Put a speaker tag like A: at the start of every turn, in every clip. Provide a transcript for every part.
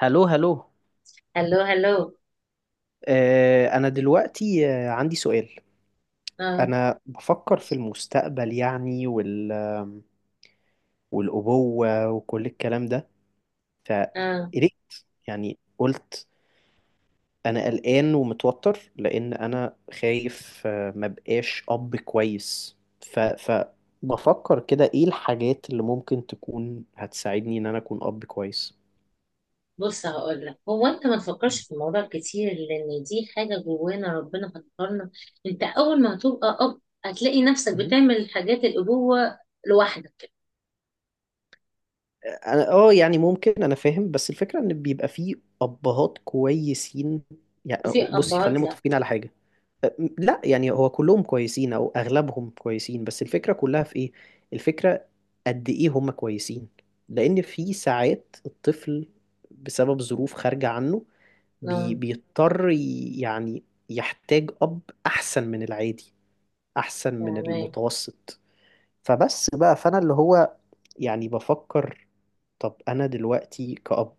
A: هلو هلو.
B: هلو هلو.
A: أنا دلوقتي عندي سؤال.
B: اه،
A: أنا بفكر في المستقبل يعني والأبوة وكل الكلام ده.
B: اه.
A: فقلقت يعني قلت أنا قلقان ومتوتر لأن أنا خايف ما بقاش أب كويس. ف... فبفكر كده إيه الحاجات اللي ممكن تكون هتساعدني إن أنا أكون أب كويس.
B: بص هقول لك، هو انت ما تفكرش في الموضوع كتير لان دي حاجه جوانا ربنا فكرنا. انت اول ما هتبقى اب هتلاقي نفسك
A: مم.
B: بتعمل حاجات الابوه لوحدك.
A: انا اه يعني ممكن انا فاهم، بس الفكره ان بيبقى فيه ابهات كويسين يعني.
B: وفي
A: بصي خلينا
B: ابهات لا.
A: متفقين على حاجه، لا يعني هو كلهم كويسين او اغلبهم كويسين، بس الفكره كلها في ايه؟ الفكره قد ايه هم كويسين؟ لان في ساعات الطفل بسبب ظروف خارجه عنه
B: اه،
A: يعني يحتاج اب احسن من العادي، احسن من
B: تمام.
A: المتوسط. فبس بقى فانا اللي هو يعني بفكر، طب انا دلوقتي كأب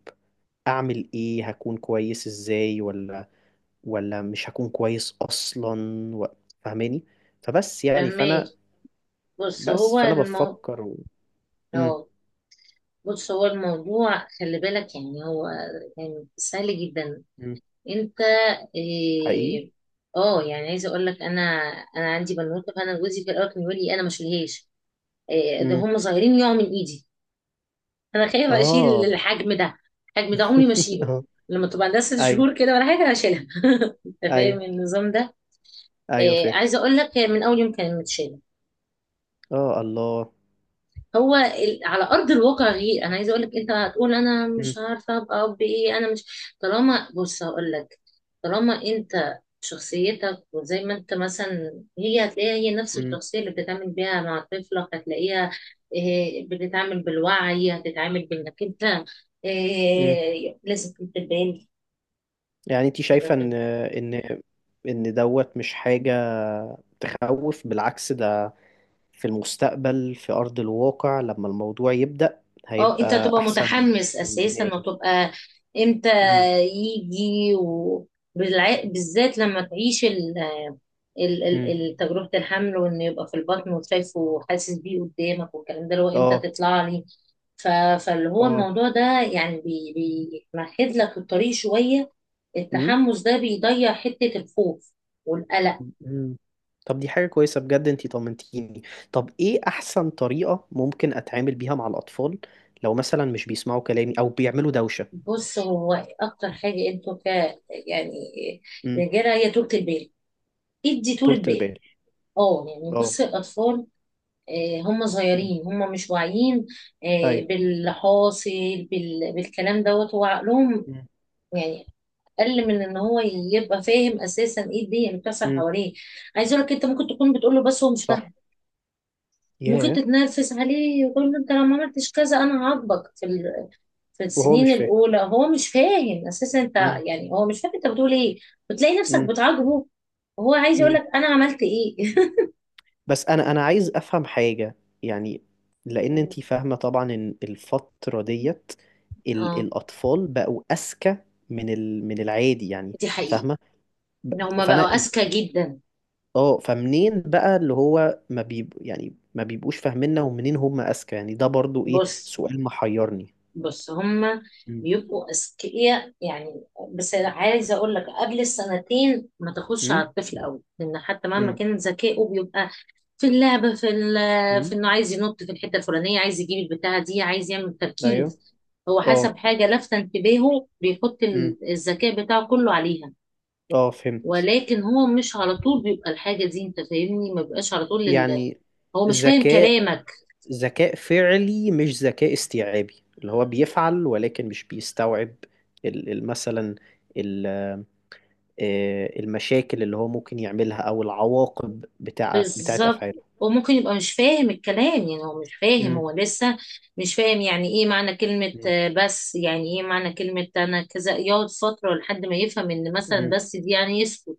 A: اعمل ايه؟ هكون كويس ازاي ولا مش هكون كويس اصلا و... فاهماني؟ فبس يعني
B: تمام.
A: فانا،
B: بص
A: بس
B: هو
A: فانا
B: المو
A: بفكر مم.
B: اه، بص هو الموضوع، خلي بالك، يعني هو يعني سهل جدا.
A: مم.
B: انت،
A: حقيقي.
B: إيه، اه، يعني عايزه اقول لك، انا عندي بنوته. فانا جوزي في الاول كان يقول لي انا ما اشيلهاش، ده
A: مم.
B: هم صغيرين يقعوا من ايدي. انا خايفه اشيل
A: اه.
B: الحجم ده، الحجم ده عمري ما اشيله،
A: آه.
B: لما تبقى عندها ست
A: ايوه.
B: شهور كده ولا حاجه هشيلها. انت
A: ايوه.
B: فاهم النظام ده؟
A: ايوه فاهم.
B: عايزه اقول لك، هي من اول يوم كانت متشاله،
A: اه الله.
B: على ارض الواقع غير. انا عايزه اقول لك، انت هتقول انا
A: مم.
B: مش عارفه ابقى اب، ايه، انا مش. طالما بص هقول لك طالما انت، شخصيتك، وزي ما انت مثلا هي هتلاقيها، هي نفس
A: مم.
B: الشخصيه اللي بتتعامل بيها مع طفلك هتلاقيها، بتتعامل بالوعي، هتتعامل بانك انت،
A: مم.
B: لازم تبان.
A: يعني انت شايفة ان ان دوت مش حاجة تخوف؟ بالعكس، ده في المستقبل في أرض الواقع لما الموضوع يبدأ
B: اه، انت
A: هيبقى
B: تبقى
A: أحسن
B: متحمس
A: من
B: اساسا
A: دماغي.
B: وتبقى، امتى
A: امم
B: يجي، بالذات لما تعيش
A: امم.
B: تجربة الحمل، وان يبقى في البطن وشايفه وحاسس بيه قدامك، والكلام ده اللي هو امتى
A: اه.
B: تطلع لي. ف- فاللي هو
A: اه.
B: الموضوع ده، يعني بيمهد لك الطريق شوية،
A: مم.
B: التحمس ده بيضيع حتة الخوف والقلق.
A: مم. طب دي حاجة كويسة بجد، انتي طمنتيني. طب ايه أحسن طريقة ممكن أتعامل بيها مع الأطفال لو مثلا مش بيسمعوا كلامي أو بيعملوا دوشة؟
B: بص، هو اكتر حاجة انتوا ك يعني،
A: مم.
B: رجالة، هي طولة البال، ادي طولة
A: طولة
B: بال.
A: البال.
B: اه، يعني
A: اه.
B: بصي الأطفال، هم
A: مم.
B: صغيرين هم مش واعيين
A: أيوه.
B: باللي حاصل. بالكلام دوت هو عقلهم
A: مم.
B: يعني أقل من إن هو يبقى فاهم أساسا إيه الدنيا اللي بتحصل
A: مم.
B: حواليه. عايز أقول لك، أنت ممكن تكون بتقول له بس هو مش
A: صح.
B: فاهم. ممكن
A: ياه.
B: تتنرفز عليه وتقول له: أنت لو ما عملتش كذا أنا هعاقبك في
A: وهو
B: السنين
A: مش فاهم.
B: الأولى هو مش فاهم أساسا أنت،
A: مم.
B: يعني هو مش فاهم أنت بتقول إيه. بتلاقي نفسك
A: مم.
B: بتعاقبه وهو عايز يقول
A: مم.
B: لك أنا عملت إيه.
A: بس انا عايز افهم حاجة يعني، لان انتي فاهمة طبعا ان الفترة ديت
B: اه،
A: الاطفال بقوا اذكى من العادي يعني،
B: دي حقيقة.
A: فاهمة؟ ب-
B: ان هما بقوا
A: فانا
B: اذكى جدا.
A: اه، فمنين بقى اللي هو ما بيب... يعني ما بيبقوش فاهميننا ومنين هم اذكى يعني؟ ده برضو ايه،
B: بص،
A: سؤال محيرني.
B: بص، هما
A: امم
B: بيبقوا اذكياء، يعني، بس عايزه اقول لك قبل السنتين ما تاخدش على
A: امم
B: الطفل قوي، لان حتى مهما
A: امم
B: كان ذكائه بيبقى في اللعبه، في
A: امم.
B: انه عايز ينط في الحته الفلانيه، عايز يجيب البتاعه دي، عايز يعمل
A: ايوه.
B: تركيز. هو
A: اه.
B: حسب حاجه لافته انتباهه بيحط
A: امم.
B: الذكاء بتاعه كله عليها،
A: اه فهمت.
B: ولكن هو مش على طول بيبقى الحاجه دي، انت فاهمني، ما بيبقاش على طول
A: يعني
B: هو مش فاهم
A: ذكاء،
B: كلامك.
A: ذكاء فعلي مش ذكاء استيعابي، اللي هو بيفعل ولكن مش بيستوعب مثلا ال- المشاكل اللي هو ممكن يعملها او العواقب بتاعت
B: بالظبط،
A: افعاله.
B: وممكن يبقى مش فاهم الكلام، يعني هو مش فاهم،
A: امم
B: هو لسه مش فاهم يعني ايه معنى كلمة، بس يعني ايه معنى كلمة انا كذا، يقعد فترة لحد ما يفهم ان مثلا
A: امم
B: بس دي يعني يسكت.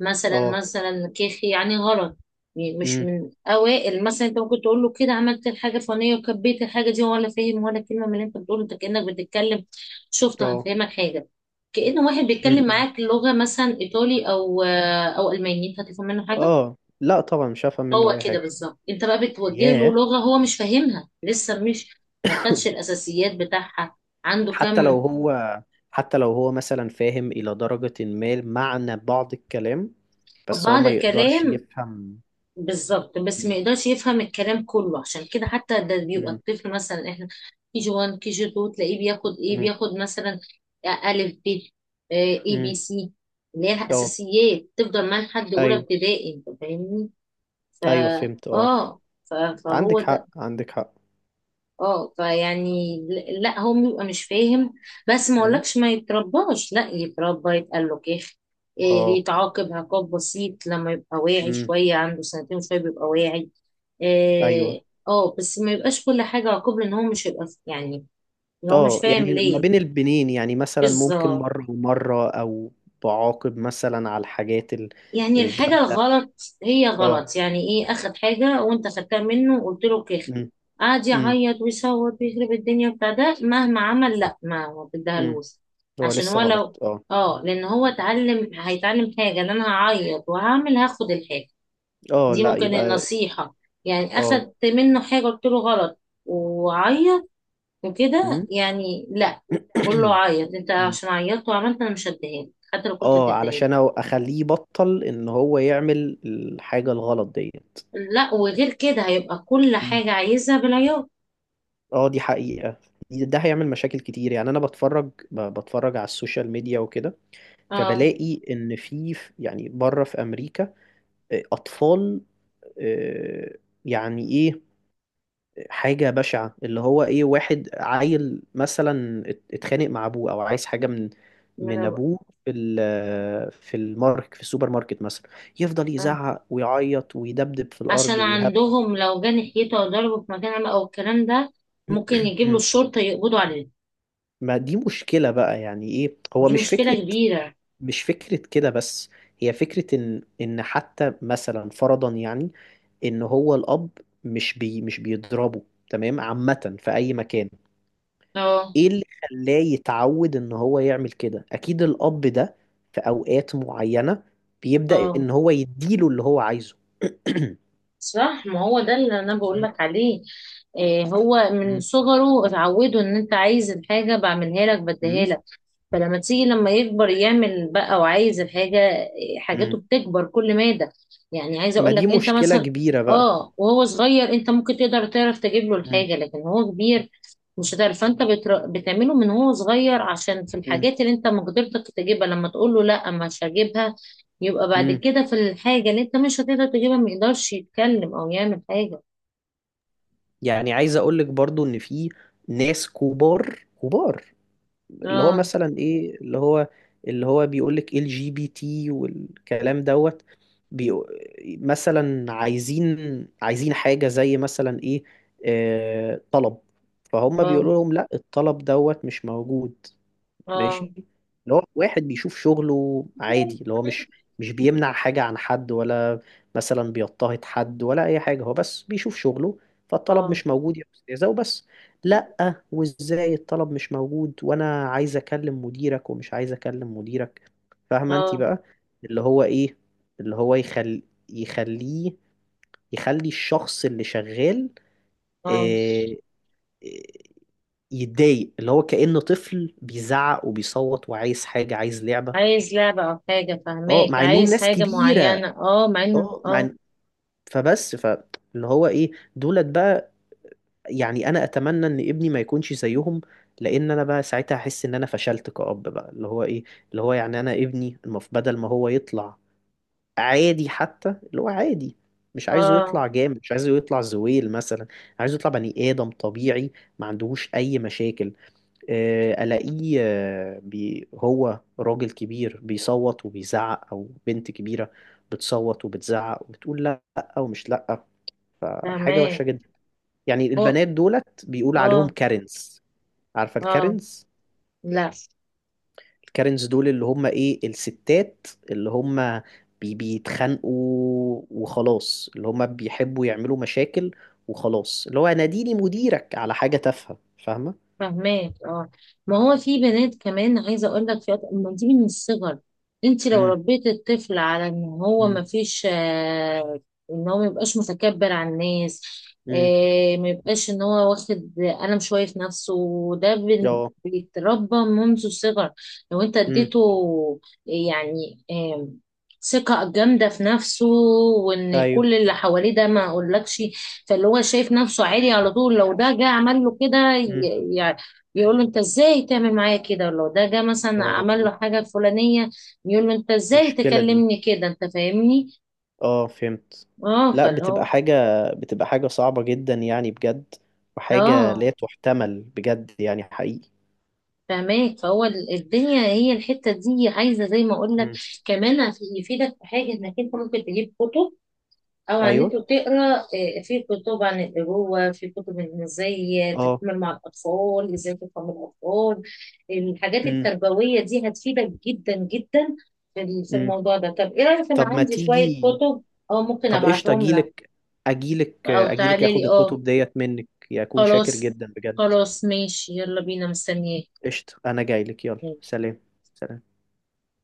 B: مثلا
A: اه.
B: مثلا، كيخي يعني غلط، يعني مش
A: امم.
B: من اوائل. مثلا انت ممكن تقول له كده عملت الحاجة الفلانية وكبيت الحاجة دي، ولا فاهم ولا كلمة من اللي انت بتقوله، انت كأنك بتتكلم. شفت؟
A: اه.
B: هفهمك حاجة، كأن واحد بيتكلم
A: امم.
B: معاك لغة مثلا ايطالي، او او الماني، انت هتفهم منه حاجة؟
A: اه لا طبعا مش هفهم منه
B: هو
A: اي
B: كده
A: حاجه.
B: بالظبط، انت بقى بتوجه له
A: ياه.
B: لغة هو مش فاهمها لسه، مش ما خدش الاساسيات بتاعها، عنده
A: حتى لو
B: كم،
A: هو حتى لو هو مثلا فاهم الى درجه ما معنى بعض الكلام، بس هو
B: بعض
A: ما يقدرش
B: الكلام.
A: يفهم.
B: بالظبط، بس ما
A: امم
B: يقدرش يفهم الكلام كله، عشان كده حتى ده بيبقى
A: امم
B: الطفل مثلا، احنا كي جي 1 كي جي 2، تلاقيه بياخد ايه، بياخد مثلا الف ب، اي بي سي، اللي هي
A: امم.
B: الاساسيات تفضل معاه لحد اولى
A: ايوه.
B: ابتدائي، انت فاهمني؟ فا
A: ايوه فهمت اه.
B: فهو
A: عندك
B: ده.
A: حق، عندك حق.
B: اه، لا هو بيبقى مش فاهم، بس ما
A: امم.
B: اقولكش ما يترباش، لا يتربى يتقال له كيخ،
A: اه.
B: يتعاقب عقاب بسيط لما يبقى واعي
A: امم.
B: شوية، عنده سنتين وشوية بيبقى واعي،
A: ايوه.
B: إيه، اه، بس ما يبقاش كل حاجة عقاب، لان هو مش هيبقى، يعني إن هو مش
A: اه
B: فاهم
A: يعني ما
B: ليه.
A: بين البنين يعني مثلا ممكن
B: بالظبط،
A: مرة ومرة او بعاقب مثلا على الحاجات
B: يعني الحاجة
A: الجامدة.
B: الغلط هي
A: اه.
B: غلط، يعني ايه، اخد حاجة وانت خدتها منه وقلت له كيخ،
A: امم
B: قعد
A: امم
B: يعيط ويصوت ويخرب الدنيا بتاع ده، مهما عمل لا، ما
A: امم.
B: تديهالوش،
A: هو
B: عشان
A: لسه
B: هو
A: غلط
B: لو،
A: اه.
B: اه، لان هو اتعلم هيتعلم حاجة ان انا هعيط وهعمل هاخد الحاجة.
A: اه
B: دي
A: لا
B: ممكن
A: يبقى.
B: النصيحة، يعني
A: اه.
B: اخدت منه حاجة قلت له غلط، وعيط وكده،
A: امم.
B: يعني لا. قول له: عيط انت
A: أمم.
B: عشان عيطت وعملت، انا مش هديهالك حتى لو كنت
A: اه
B: هتديهالي،
A: علشان اخليه يبطل ان هو يعمل الحاجة الغلط ديت.
B: لا، وغير كده هيبقى كل حاجة عايزها بالعيار.
A: اه دي حقيقة. ده هيعمل مشاكل كتير. يعني انا بتفرج بتفرج على السوشيال ميديا وكده،
B: اه،
A: فبلاقي ان يعني بره في امريكا اطفال، آه، يعني ايه، حاجة بشعة اللي هو ايه، واحد عيل مثلا اتخانق مع ابوه او عايز حاجة
B: ما أنا
A: من
B: بقول-
A: ابوه في في المارك، في السوبر ماركت مثلا، يفضل
B: آه.
A: يزعق ويعيط ويدبدب في الارض
B: عشان
A: ويهب.
B: عندهم لو جه ناحيته او ضربه في مكان عام او الكلام ده، ممكن يجيب له
A: مم.
B: الشرطة يقبضوا عليه،
A: ما دي مشكلة بقى. يعني ايه، هو
B: دي
A: مش
B: مشكلة
A: فكرة،
B: كبيرة.
A: مش فكرة كده بس، هي فكرة إن حتى مثلا فرضا يعني إن هو الأب مش بيضربه تمام عامة في أي مكان،
B: اه،
A: إيه اللي خلاه يتعود إن هو يعمل كده؟ أكيد الأب ده في أوقات معينة بيبدأ
B: اه،
A: إن هو يديله اللي هو عايزه.
B: صح، ما هو ده اللي انا بقول لك عليه، إيه، هو
A: مم.
B: من
A: مم.
B: صغره اتعودوا ان انت عايز الحاجة، بعملها لك، بديها
A: مم.
B: لك، فلما تيجي لما يكبر، يعمل بقى وعايز الحاجة، حاجاته
A: مم.
B: بتكبر كل مادة. يعني عايزة
A: ما
B: اقول لك
A: دي
B: انت
A: مشكلة
B: مثلا،
A: كبيرة بقى.
B: اه، وهو صغير انت ممكن تقدر تعرف تجيب له
A: مم.
B: الحاجة، لكن هو كبير مش هتعرف. فانت بتعمله من هو صغير عشان في
A: مم.
B: الحاجات اللي انت مقدرتك تجيبها، لما تقول له لا مش هجيبها يبقى بعد
A: مم.
B: كده في الحاجة اللي انت مش هتقدر تجيبها ما يقدرش يتكلم او يعمل حاجة.
A: يعني عايز أقولك برضو إن في ناس كبار كبار، اللي هو
B: اه،
A: مثلا ايه، اللي هو، اللي هو بيقول لك ال جي بي تي والكلام دوت، بيقو- مثلا عايزين، عايزين حاجة زي مثلا ايه، طلب فهم،
B: اه،
A: بيقولوا لهم لا الطلب دوت مش موجود،
B: اه،
A: ماشي، اللي هو واحد بيشوف شغله عادي، اللي هو مش مش بيمنع حاجة عن حد ولا مثلا بيضطهد حد ولا أي حاجة، هو بس بيشوف شغله.
B: اه،
A: فالطلب
B: اه.
A: مش موجود يا أستاذة وبس. لأ وإزاي الطلب مش موجود، وأنا عايز أكلم مديرك ومش عايز أكلم مديرك. فاهمة أنت
B: آه،
A: بقى، اللي هو إيه، اللي هو يخليه، يخلي الشخص اللي شغال
B: آه.
A: آه، يتضايق، اللي هو كأنه طفل بيزعق وبيصوت وعايز حاجة، عايز لعبة.
B: عايز لعبة أو حاجة،
A: اه
B: فهماك،
A: مع انهم
B: عايز
A: ناس
B: حاجة
A: كبيرة.
B: معينة، اه، مع انه،
A: اه مع
B: اه،
A: فبس فاللي هو ايه، دولت بقى، يعني انا اتمنى ان ابني ما يكونش زيهم، لان انا بقى ساعتها احس ان انا فشلت كأب بقى. اللي هو ايه، اللي هو يعني انا ابني المف، بدل ما هو يطلع عادي، حتى اللي هو عادي، مش عايزه
B: اه،
A: يطلع جامد، مش عايزه يطلع زويل مثلا، عايزه يطلع بني آدم طبيعي ما عندهوش اي مشاكل. الاقيه هو راجل كبير بيصوت وبيزعق، او بنت كبيره بتصوت وبتزعق وبتقول لا ومش لا، فحاجه وحشه
B: فهماك،
A: جدا. يعني
B: أو-
A: البنات دولت بيقول عليهم
B: اه،
A: كارنز. عارفه
B: اه،
A: الكارنز؟
B: لا
A: الكارنز دول اللي هم ايه، الستات اللي هم بيتخانقوا وخلاص، اللي هم بيحبوا يعملوا مشاكل وخلاص، اللي هو ناديني مديرك على حاجه تافهه. فاهمه.
B: فهماك، اه. ما هو في بنات كمان، عايزه اقول لك ما دي من الصغر. انت لو
A: امم
B: ربيت الطفل على ان هو ما
A: امم
B: فيش آه، ان هو ما يبقاش متكبر على الناس،
A: امم.
B: آه، ما يبقاش ان هو واخد قلم شويه في نفسه، وده
A: اه.
B: بيتربى منذ الصغر. لو انت
A: امم.
B: اديته، يعني، آه، ثقة جامدة في نفسه، وان
A: ايوه.
B: كل اللي حواليه ده ما اقولكش، فاللي هو شايف نفسه عالي على طول. لو ده جه عمل له كده،
A: مم.
B: يقول له: انت ازاي تعمل معايا كده؟ ولو ده جه مثلا
A: اه
B: عمل له حاجه الفلانيه، يقول له: انت ازاي
A: مشكلة دي.
B: تكلمني كده؟ انت فاهمني؟
A: اه فهمت.
B: اه،
A: لا
B: فاللي
A: بتبقى
B: هو،
A: حاجة، بتبقى حاجة صعبة جدا يعني بجد، وحاجة
B: اه،
A: لا تحتمل بجد يعني حقيقي.
B: فاهمك. فهو الدنيا هي الحته دي، عايزه زي ما اقول لك،
A: مم.
B: كمان عشان يفيدك في حاجه، انك انت ممكن تجيب كتب او على النت
A: ايوه.
B: وتقرا، في كتب عن الابوه، في كتب إن ازاي
A: اه.
B: تتعامل مع الاطفال، ازاي تفهم الاطفال، الحاجات
A: امم
B: التربويه دي هتفيدك جدا جدا في
A: امم.
B: الموضوع ده. طب ايه رايك؟ انا
A: طب ما
B: عندي شويه
A: تيجي.
B: كتب او ممكن
A: طب قشطة
B: ابعتهم لك
A: اجيلك، اجيلك
B: او
A: اجيلك
B: تعالي لي.
A: اخد
B: اه،
A: الكتب ديت منك، يكون شاكر
B: خلاص،
A: جدا بجد.
B: خلاص ماشي، يلا بينا، مستنياك.
A: قشطة انا جايلك، يلا سلام. سلام.